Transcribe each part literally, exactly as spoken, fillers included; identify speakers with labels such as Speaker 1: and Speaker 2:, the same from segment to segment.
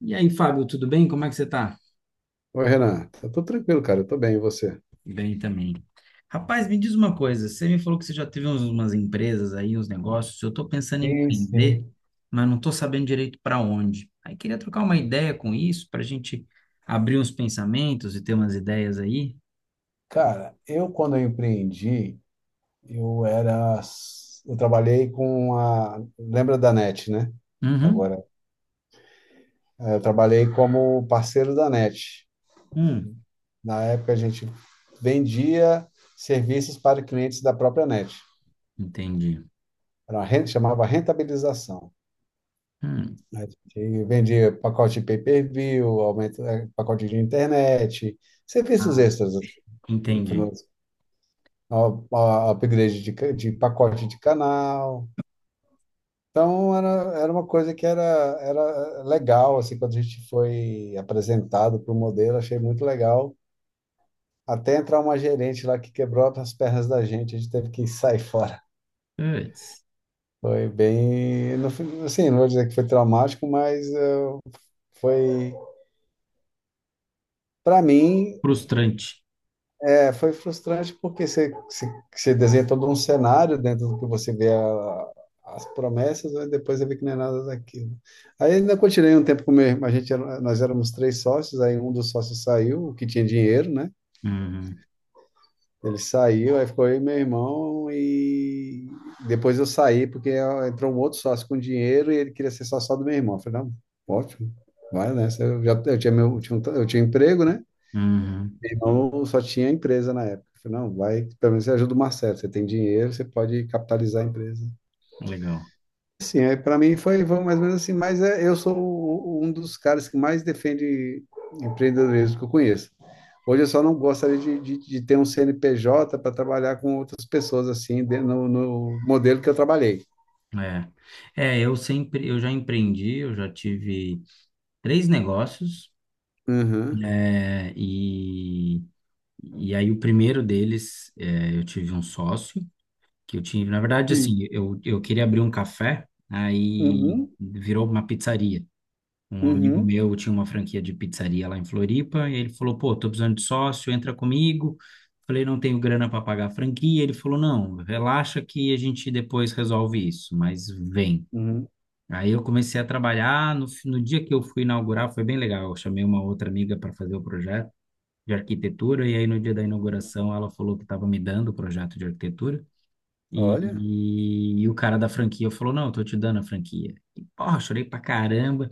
Speaker 1: E aí, Fábio, tudo bem? Como é que você tá?
Speaker 2: Oi, Renan. Tá tudo tranquilo, cara. Eu tô bem, e você?
Speaker 1: Bem também. Rapaz, me diz uma coisa, você me falou que você já teve uns- umas empresas aí, uns negócios, eu estou pensando em
Speaker 2: Sim,
Speaker 1: empreender,
Speaker 2: sim.
Speaker 1: mas não estou sabendo direito para onde. Aí queria trocar uma ideia com isso, para a gente abrir uns pensamentos e ter umas ideias aí.
Speaker 2: Cara, eu quando eu empreendi, eu era, eu trabalhei com a, lembra da NET, né?
Speaker 1: Uhum.
Speaker 2: Agora, eh, eu trabalhei como parceiro da NET.
Speaker 1: Hum,
Speaker 2: Na época a gente vendia serviços para clientes da própria NET.
Speaker 1: entendi.
Speaker 2: Era uma renta, chamava rentabilização.
Speaker 1: Hum,
Speaker 2: A gente vendia pacote de pay-per-view, aumento, eh, pacote de internet, serviços
Speaker 1: ah,
Speaker 2: extras, no
Speaker 1: entendi.
Speaker 2: final a- a upgrade de, ca- de pacote de canal. Então, era, era uma coisa que era, era legal, assim, quando a gente foi apresentado para o modelo, achei muito legal. Até entrar uma gerente lá que quebrou as pernas da gente, a gente teve que sair fora.
Speaker 1: Puts.
Speaker 2: Foi bem, no fim- assim, não vou dizer que foi traumático, mas eh, foi, para mim,
Speaker 1: Frustrante.
Speaker 2: é, foi frustrante porque você, você, você desenha todo um cenário dentro do que você vê a- as promessas, mas depois você vê que não é nada daquilo. Aí ainda continuei um tempo com meu irmão, a gente era- nós éramos três sócios, aí um dos sócios saiu, o que tinha dinheiro, né?
Speaker 1: Uhum.
Speaker 2: Ele saiu, aí ficou eu e meu irmão, e depois eu saí porque ó, entrou um outro sócio com dinheiro e ele queria ser sócio só do meu irmão. Eu falei, não, ótimo, vai, né? Eu já eu tinha, meu, eu tinha um tra- Eu tinha um emprego, né?
Speaker 1: Uhum,
Speaker 2: Então, só tinha empresa na época. Eu falei, não, vai, pelo menos você ajuda o Marcelo, você tem dinheiro, você pode capitalizar a empresa.
Speaker 1: legal.
Speaker 2: Sim, aí para mim foi, foi mais ou menos assim, mas é, eu sou o- um dos caras que mais defende empreendedorismo que eu conheço. Hoje eu só não gostaria de, de, de ter um C N P J para trabalhar com outras pessoas assim, de- no, no modelo que eu trabalhei.
Speaker 1: É, é, eu sempre, eu já empreendi, eu já tive três negócios,
Speaker 2: Uhum.
Speaker 1: é, e, e aí o primeiro deles, é, eu tive um sócio, que eu tive, na verdade,
Speaker 2: Sim.
Speaker 1: assim, eu, eu queria abrir um café, aí
Speaker 2: Uhum.
Speaker 1: virou uma pizzaria. Um amigo
Speaker 2: Uhum.
Speaker 1: meu tinha uma franquia de pizzaria lá em Floripa, e ele falou, pô, tô precisando de sócio, entra comigo. Falei, não tenho grana para pagar a franquia. Ele falou, não, relaxa que a gente depois resolve isso, mas vem.
Speaker 2: Uhum.
Speaker 1: Aí eu comecei a trabalhar. No, fi- no dia que eu fui inaugurar, foi bem legal. Eu chamei uma outra amiga para fazer o projeto de arquitetura, e aí no dia da inauguração ela falou que estava me dando o projeto de arquitetura.
Speaker 2: Olha.
Speaker 1: E, e o cara da franquia falou: não, eu tô te dando a franquia. E, porra, chorei pra caramba.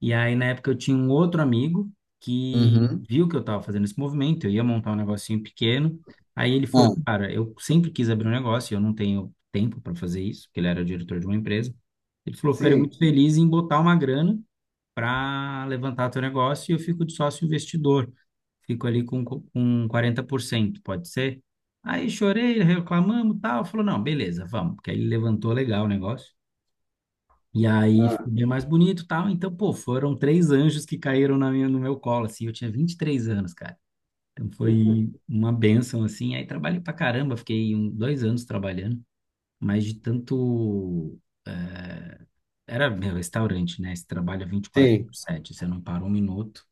Speaker 1: E aí, na época, eu tinha um outro amigo que
Speaker 2: Uhum.
Speaker 1: viu que eu estava fazendo esse movimento, eu ia montar um negocinho pequeno. Aí ele falou,
Speaker 2: Ah.
Speaker 1: cara, eu sempre quis abrir um negócio, e eu não tenho tempo para fazer isso, porque ele era diretor de uma empresa. Ele falou, ficaria muito
Speaker 2: Sim.
Speaker 1: feliz em botar uma grana para levantar teu negócio e eu fico de sócio investidor. Fico ali com, com, quarenta por cento, pode ser? Aí chorei, reclamamos, tal, falou, não, beleza, vamos, porque aí ele levantou legal o negócio. E aí
Speaker 2: Ah.
Speaker 1: ficou bem mais bonito e tal. Então, pô, foram três anjos que caíram na minha, no meu colo, assim. Eu tinha vinte e três anos, cara. Então foi uma bênção, assim. Aí trabalhei pra caramba, fiquei um, dois anos trabalhando, mas de tanto. eh, Era meu restaurante, né? Você trabalha vinte e quatro por
Speaker 2: Sim.
Speaker 1: sete você não para um minuto.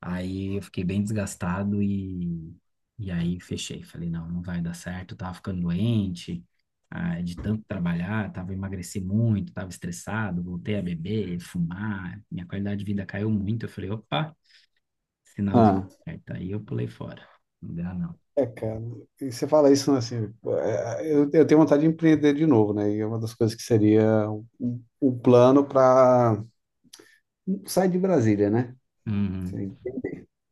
Speaker 1: Aí eu fiquei bem desgastado e, e aí fechei. Falei, não, não vai dar certo. Eu tava ficando doente, ah, de tanto trabalhar, tava emagreci muito, tava estressado, voltei a beber, fumar. Minha qualidade de vida caiu muito. Eu falei, opa, sinalzinho
Speaker 2: Ah.
Speaker 1: certo. Aí eu pulei fora. Não dá, não.
Speaker 2: É, cara, e você fala isso, né, assim, é, eu, eu tenho vontade de empreender de novo, né? E é uma das coisas que seria o, o plano para sair de Brasília, né?
Speaker 1: Uhum.
Speaker 2: Assim,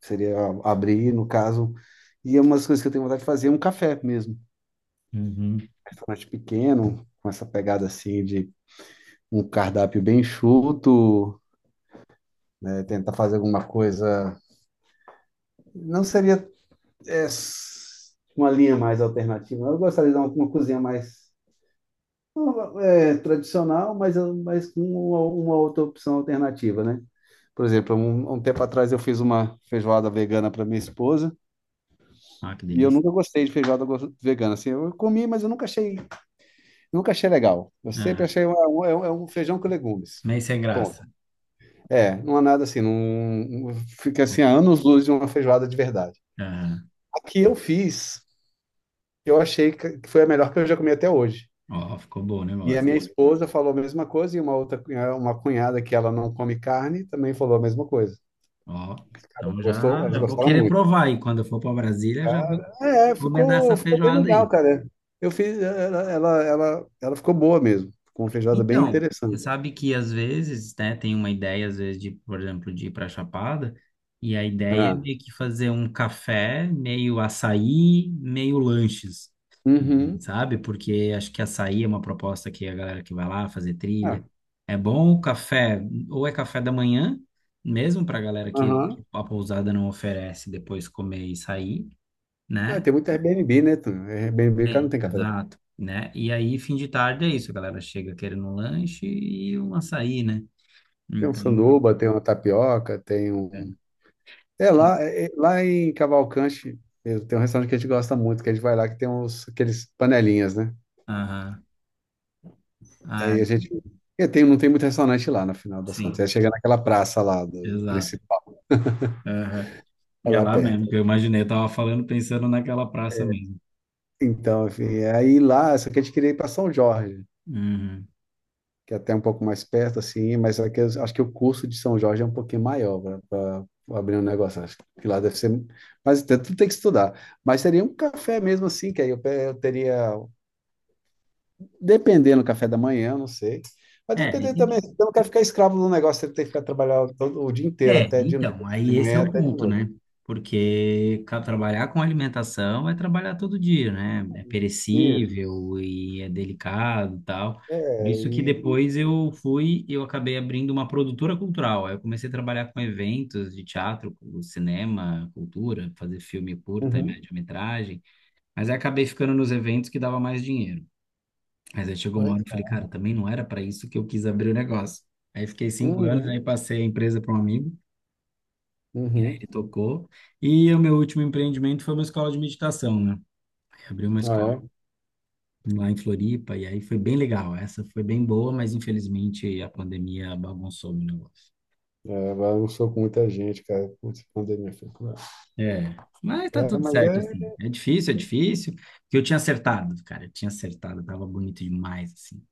Speaker 2: seria abrir, no caso, e é uma das coisas que eu tenho vontade de fazer é um café mesmo. Um
Speaker 1: Uhum.
Speaker 2: restaurante pequeno, com essa pegada assim de um cardápio bem enxuto, é, tentar fazer alguma coisa. Não seria é, s- uma linha mais alternativa. Eu gostaria de dar uma, uma cozinha mais. É tradicional, mas, mas com uma, uma outra opção alternativa, né? Por exemplo, um, um tempo atrás eu fiz uma feijoada vegana para minha esposa
Speaker 1: Ah, que
Speaker 2: e eu
Speaker 1: delícia.
Speaker 2: nunca gostei de feijoada go- vegana. Assim, eu comi, mas eu nunca achei, nunca achei legal. Eu sempre
Speaker 1: Ah,
Speaker 2: achei um, um- é um, é um feijão com legumes.
Speaker 1: nem sem
Speaker 2: Ponto.
Speaker 1: graça.
Speaker 2: É, não é nada assim, não fica assim a anos luz de uma feijoada de verdade.
Speaker 1: Ah,
Speaker 2: A que eu fiz, eu achei que que foi a melhor que eu já comi até hoje.
Speaker 1: ó, ficou bom o
Speaker 2: E a
Speaker 1: negócio.
Speaker 2: minha esposa falou a mesma coisa, e uma outra, cunha- uma cunhada que ela não come carne também falou a mesma coisa.
Speaker 1: Ó, então
Speaker 2: Gostou?
Speaker 1: já,
Speaker 2: Elas
Speaker 1: já vou
Speaker 2: gostaram
Speaker 1: querer
Speaker 2: muito.
Speaker 1: provar aí. Quando eu for para Brasília, já vou
Speaker 2: Cara, é,
Speaker 1: encomendar
Speaker 2: ficou,
Speaker 1: essa
Speaker 2: ficou bem
Speaker 1: feijoada
Speaker 2: legal,
Speaker 1: aí.
Speaker 2: cara. Eu fiz, ela, ela, ela, ela ficou boa mesmo. Ficou uma feijoada bem
Speaker 1: Então, você
Speaker 2: interessante.
Speaker 1: sabe que às vezes, né, tem uma ideia, às vezes, de, por exemplo, de ir para Chapada, e a ideia é
Speaker 2: Ah.
Speaker 1: meio que fazer um café, meio açaí, meio lanches, assim,
Speaker 2: Uhum.
Speaker 1: sabe? Porque acho que açaí é uma proposta que a galera que vai lá fazer
Speaker 2: Ah,
Speaker 1: trilha. É bom o café, ou é café da manhã, mesmo para a galera que
Speaker 2: aham.
Speaker 1: a pousada não oferece depois comer e sair,
Speaker 2: Ah,
Speaker 1: né?
Speaker 2: tem muito Airbnb, né? Tu? Airbnb, cara, não
Speaker 1: Bem,
Speaker 2: tem café da manhã.
Speaker 1: exato, né? E aí, fim de tarde é isso, a galera chega querendo um lanche e um açaí, né?
Speaker 2: Tem um
Speaker 1: Então,
Speaker 2: sanduba, tem uma tapioca, tem um.
Speaker 1: é.
Speaker 2: É lá, é- é- lá em Cavalcante mesmo, tem um restaurante que a gente gosta muito, que a gente vai lá, que tem uns, aqueles panelinhas, né?
Speaker 1: Aham. Ah,
Speaker 2: Aí a gente. É, tem, não tem muito restaurante lá, no final das contas.
Speaker 1: sim,
Speaker 2: É chegar naquela praça lá do
Speaker 1: exato.
Speaker 2: principal,
Speaker 1: Aham.
Speaker 2: é
Speaker 1: É
Speaker 2: lá
Speaker 1: lá
Speaker 2: perto.
Speaker 1: mesmo, que eu imaginei, eu tava falando pensando naquela praça mesmo.
Speaker 2: Então, enfim, aí lá, só que a gente queria ir para São Jorge,
Speaker 1: Uhum.
Speaker 2: que é até um pouco mais perto, assim, mas é que eu acho que o custo de São Jorge é um pouquinho maior para abrir um negócio. Acho que lá deve ser. Mas tem- tudo tem que estudar. Mas seria um café mesmo assim, que aí eu, pe- eu teria. Dependendo do café da manhã, não sei. Mas
Speaker 1: É, e
Speaker 2: dependendo também,
Speaker 1: tem
Speaker 2: assim, eu não quero ficar escravo do negócio, eu tenho que ficar trabalhando todo o dia inteiro,
Speaker 1: É,
Speaker 2: até de
Speaker 1: então,
Speaker 2: noite, de
Speaker 1: aí esse é
Speaker 2: manhã
Speaker 1: o
Speaker 2: até de
Speaker 1: ponto,
Speaker 2: noite.
Speaker 1: né? Porque ca- trabalhar com alimentação é trabalhar todo dia, né? É perecível e é delicado e tal. Por
Speaker 2: É,
Speaker 1: isso que
Speaker 2: e...
Speaker 1: depois eu fui, eu acabei abrindo uma produtora cultural. Aí eu comecei a trabalhar com eventos de teatro, com cinema, cultura, fazer filme curta e
Speaker 2: Uhum.
Speaker 1: média-metragem. Mas aí acabei ficando nos eventos que dava mais dinheiro. Mas aí chegou uma hora
Speaker 2: Mas-
Speaker 1: que eu falei, cara, também não era para isso que eu quis abrir o negócio. Aí fiquei cinco anos, aí
Speaker 2: Uhum.
Speaker 1: passei a empresa para um amigo,
Speaker 2: Uhum.
Speaker 1: ele tocou. E o meu último empreendimento foi uma escola de meditação, né? Eu abri uma
Speaker 2: Ah,
Speaker 1: escola
Speaker 2: é?
Speaker 1: lá em Floripa e aí foi bem legal. Essa foi bem boa, mas infelizmente a pandemia bagunçou o negócio.
Speaker 2: É, agora eu sou com muita gente, cara. Putz, pandemia foi cruel.
Speaker 1: É, mas tá
Speaker 2: É,
Speaker 1: tudo
Speaker 2: mas
Speaker 1: certo
Speaker 2: é...
Speaker 1: assim. É difícil, é difícil, porque eu tinha acertado, cara, eu tinha acertado, tava bonito demais assim.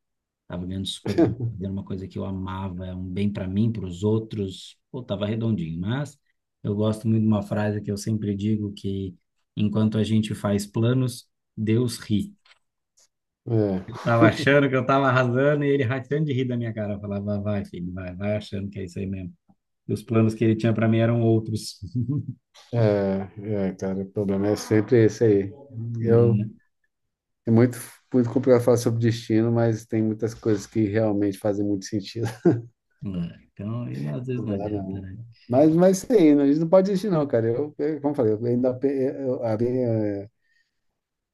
Speaker 1: Tava ganhando super bem, fazendo uma coisa que eu amava, é um bem para mim, para os outros. Pô, tava redondinho. Mas eu gosto muito de uma frase que eu sempre digo, que enquanto a gente faz planos, Deus ri.
Speaker 2: É,
Speaker 1: Eu tava achando que eu tava arrasando e ele rachando de rir da minha cara. Eu falava, vai, filho, vai, vai achando que é isso aí mesmo. E os planos que ele tinha para mim eram outros.
Speaker 2: é, é, cara, o problema é sempre esse aí. Eu,
Speaker 1: Né?
Speaker 2: é muito, muito complicado falar sobre destino, mas tem muitas coisas que realmente fazem muito sentido.
Speaker 1: É. Então, e às vezes
Speaker 2: Não
Speaker 1: não
Speaker 2: dá,
Speaker 1: adianta,
Speaker 2: não.
Speaker 1: né?
Speaker 2: Mas, mas sim, não, a gente não pode desistir, não, cara. Eu, eu- como eu falei, eu ainda, pe- eu, a minha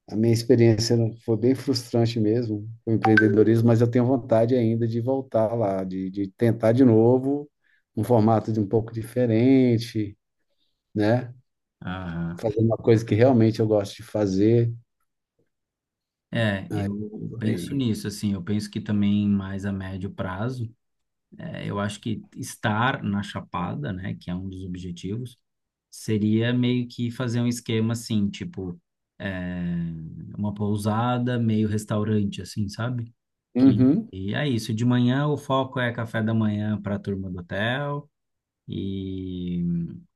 Speaker 2: A minha experiência não- foi bem frustrante mesmo, o empreendedorismo, mas eu tenho vontade ainda de voltar lá, de, de tentar de novo, um formato de um pouco diferente, né?
Speaker 1: Aham.
Speaker 2: Fazer uma coisa que realmente eu gosto de fazer.
Speaker 1: É, eu penso
Speaker 2: E-
Speaker 1: nisso, assim, eu penso que também mais a médio prazo. É, eu acho que estar na Chapada, né, que é um dos objetivos, seria meio que fazer um esquema assim, tipo, é, uma pousada, meio restaurante, assim, sabe? Que,
Speaker 2: Uhum,
Speaker 1: e é isso. De manhã o foco é café da manhã para a turma do hotel, e,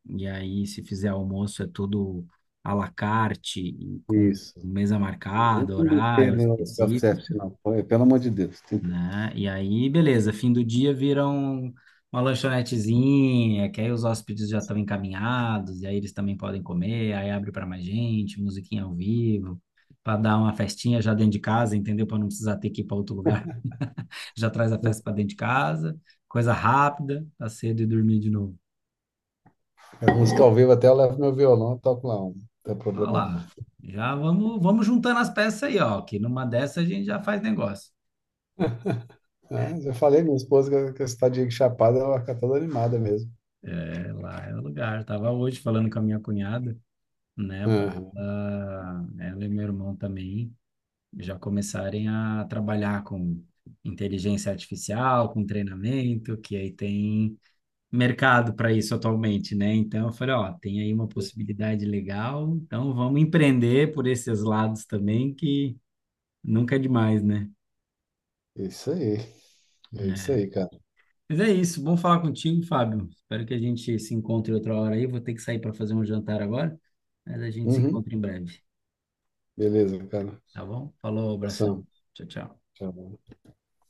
Speaker 1: e aí se fizer almoço é tudo à la carte, e com
Speaker 2: isso.
Speaker 1: mesa
Speaker 2: Não vem
Speaker 1: marcada,
Speaker 2: com
Speaker 1: horário
Speaker 2: besteira, né, o
Speaker 1: específico,
Speaker 2: self-service, não. Pô, é, pelo amor de Deus. Tem-
Speaker 1: né? E aí, beleza, fim do dia viram uma lanchonetezinha, que aí os hóspedes já estão encaminhados, e aí eles também podem comer, aí abre para mais gente, musiquinha ao vivo, para dar uma festinha já dentro de casa, entendeu? Para não precisar ter que ir para outro lugar. Já traz a festa para dentro de casa, coisa rápida, tá cedo e dormir de novo.
Speaker 2: a música ao vivo até eu levo meu violão toco lá. um. Não tem
Speaker 1: Olha
Speaker 2: problema não.
Speaker 1: lá, já vamos, vamos juntando as peças aí, ó, que numa dessa a gente já faz negócio.
Speaker 2: Ah, já falei, minha esposa, que que essa tadinha de Chapada, ela fica toda animada mesmo.
Speaker 1: É, lá é o lugar. Tava hoje falando com a minha cunhada, né, para
Speaker 2: Aham,
Speaker 1: ela, ela e meu irmão também já começarem a trabalhar com inteligência artificial, com treinamento, que aí tem mercado para isso atualmente, né? Então eu falei, ó, tem aí uma possibilidade legal, então vamos empreender por esses lados também, que nunca é demais, né?
Speaker 2: isso aí. É isso
Speaker 1: É.
Speaker 2: aí, cara.
Speaker 1: Mas é isso, bom falar contigo, Fábio. Espero que a gente se encontre outra hora aí. Vou ter que sair para fazer um jantar agora, mas a gente se
Speaker 2: Uhum.
Speaker 1: encontra em breve,
Speaker 2: Beleza, cara.
Speaker 1: tá bom? Falou, abração.
Speaker 2: Abração.
Speaker 1: Tchau, tchau.
Speaker 2: Tchau.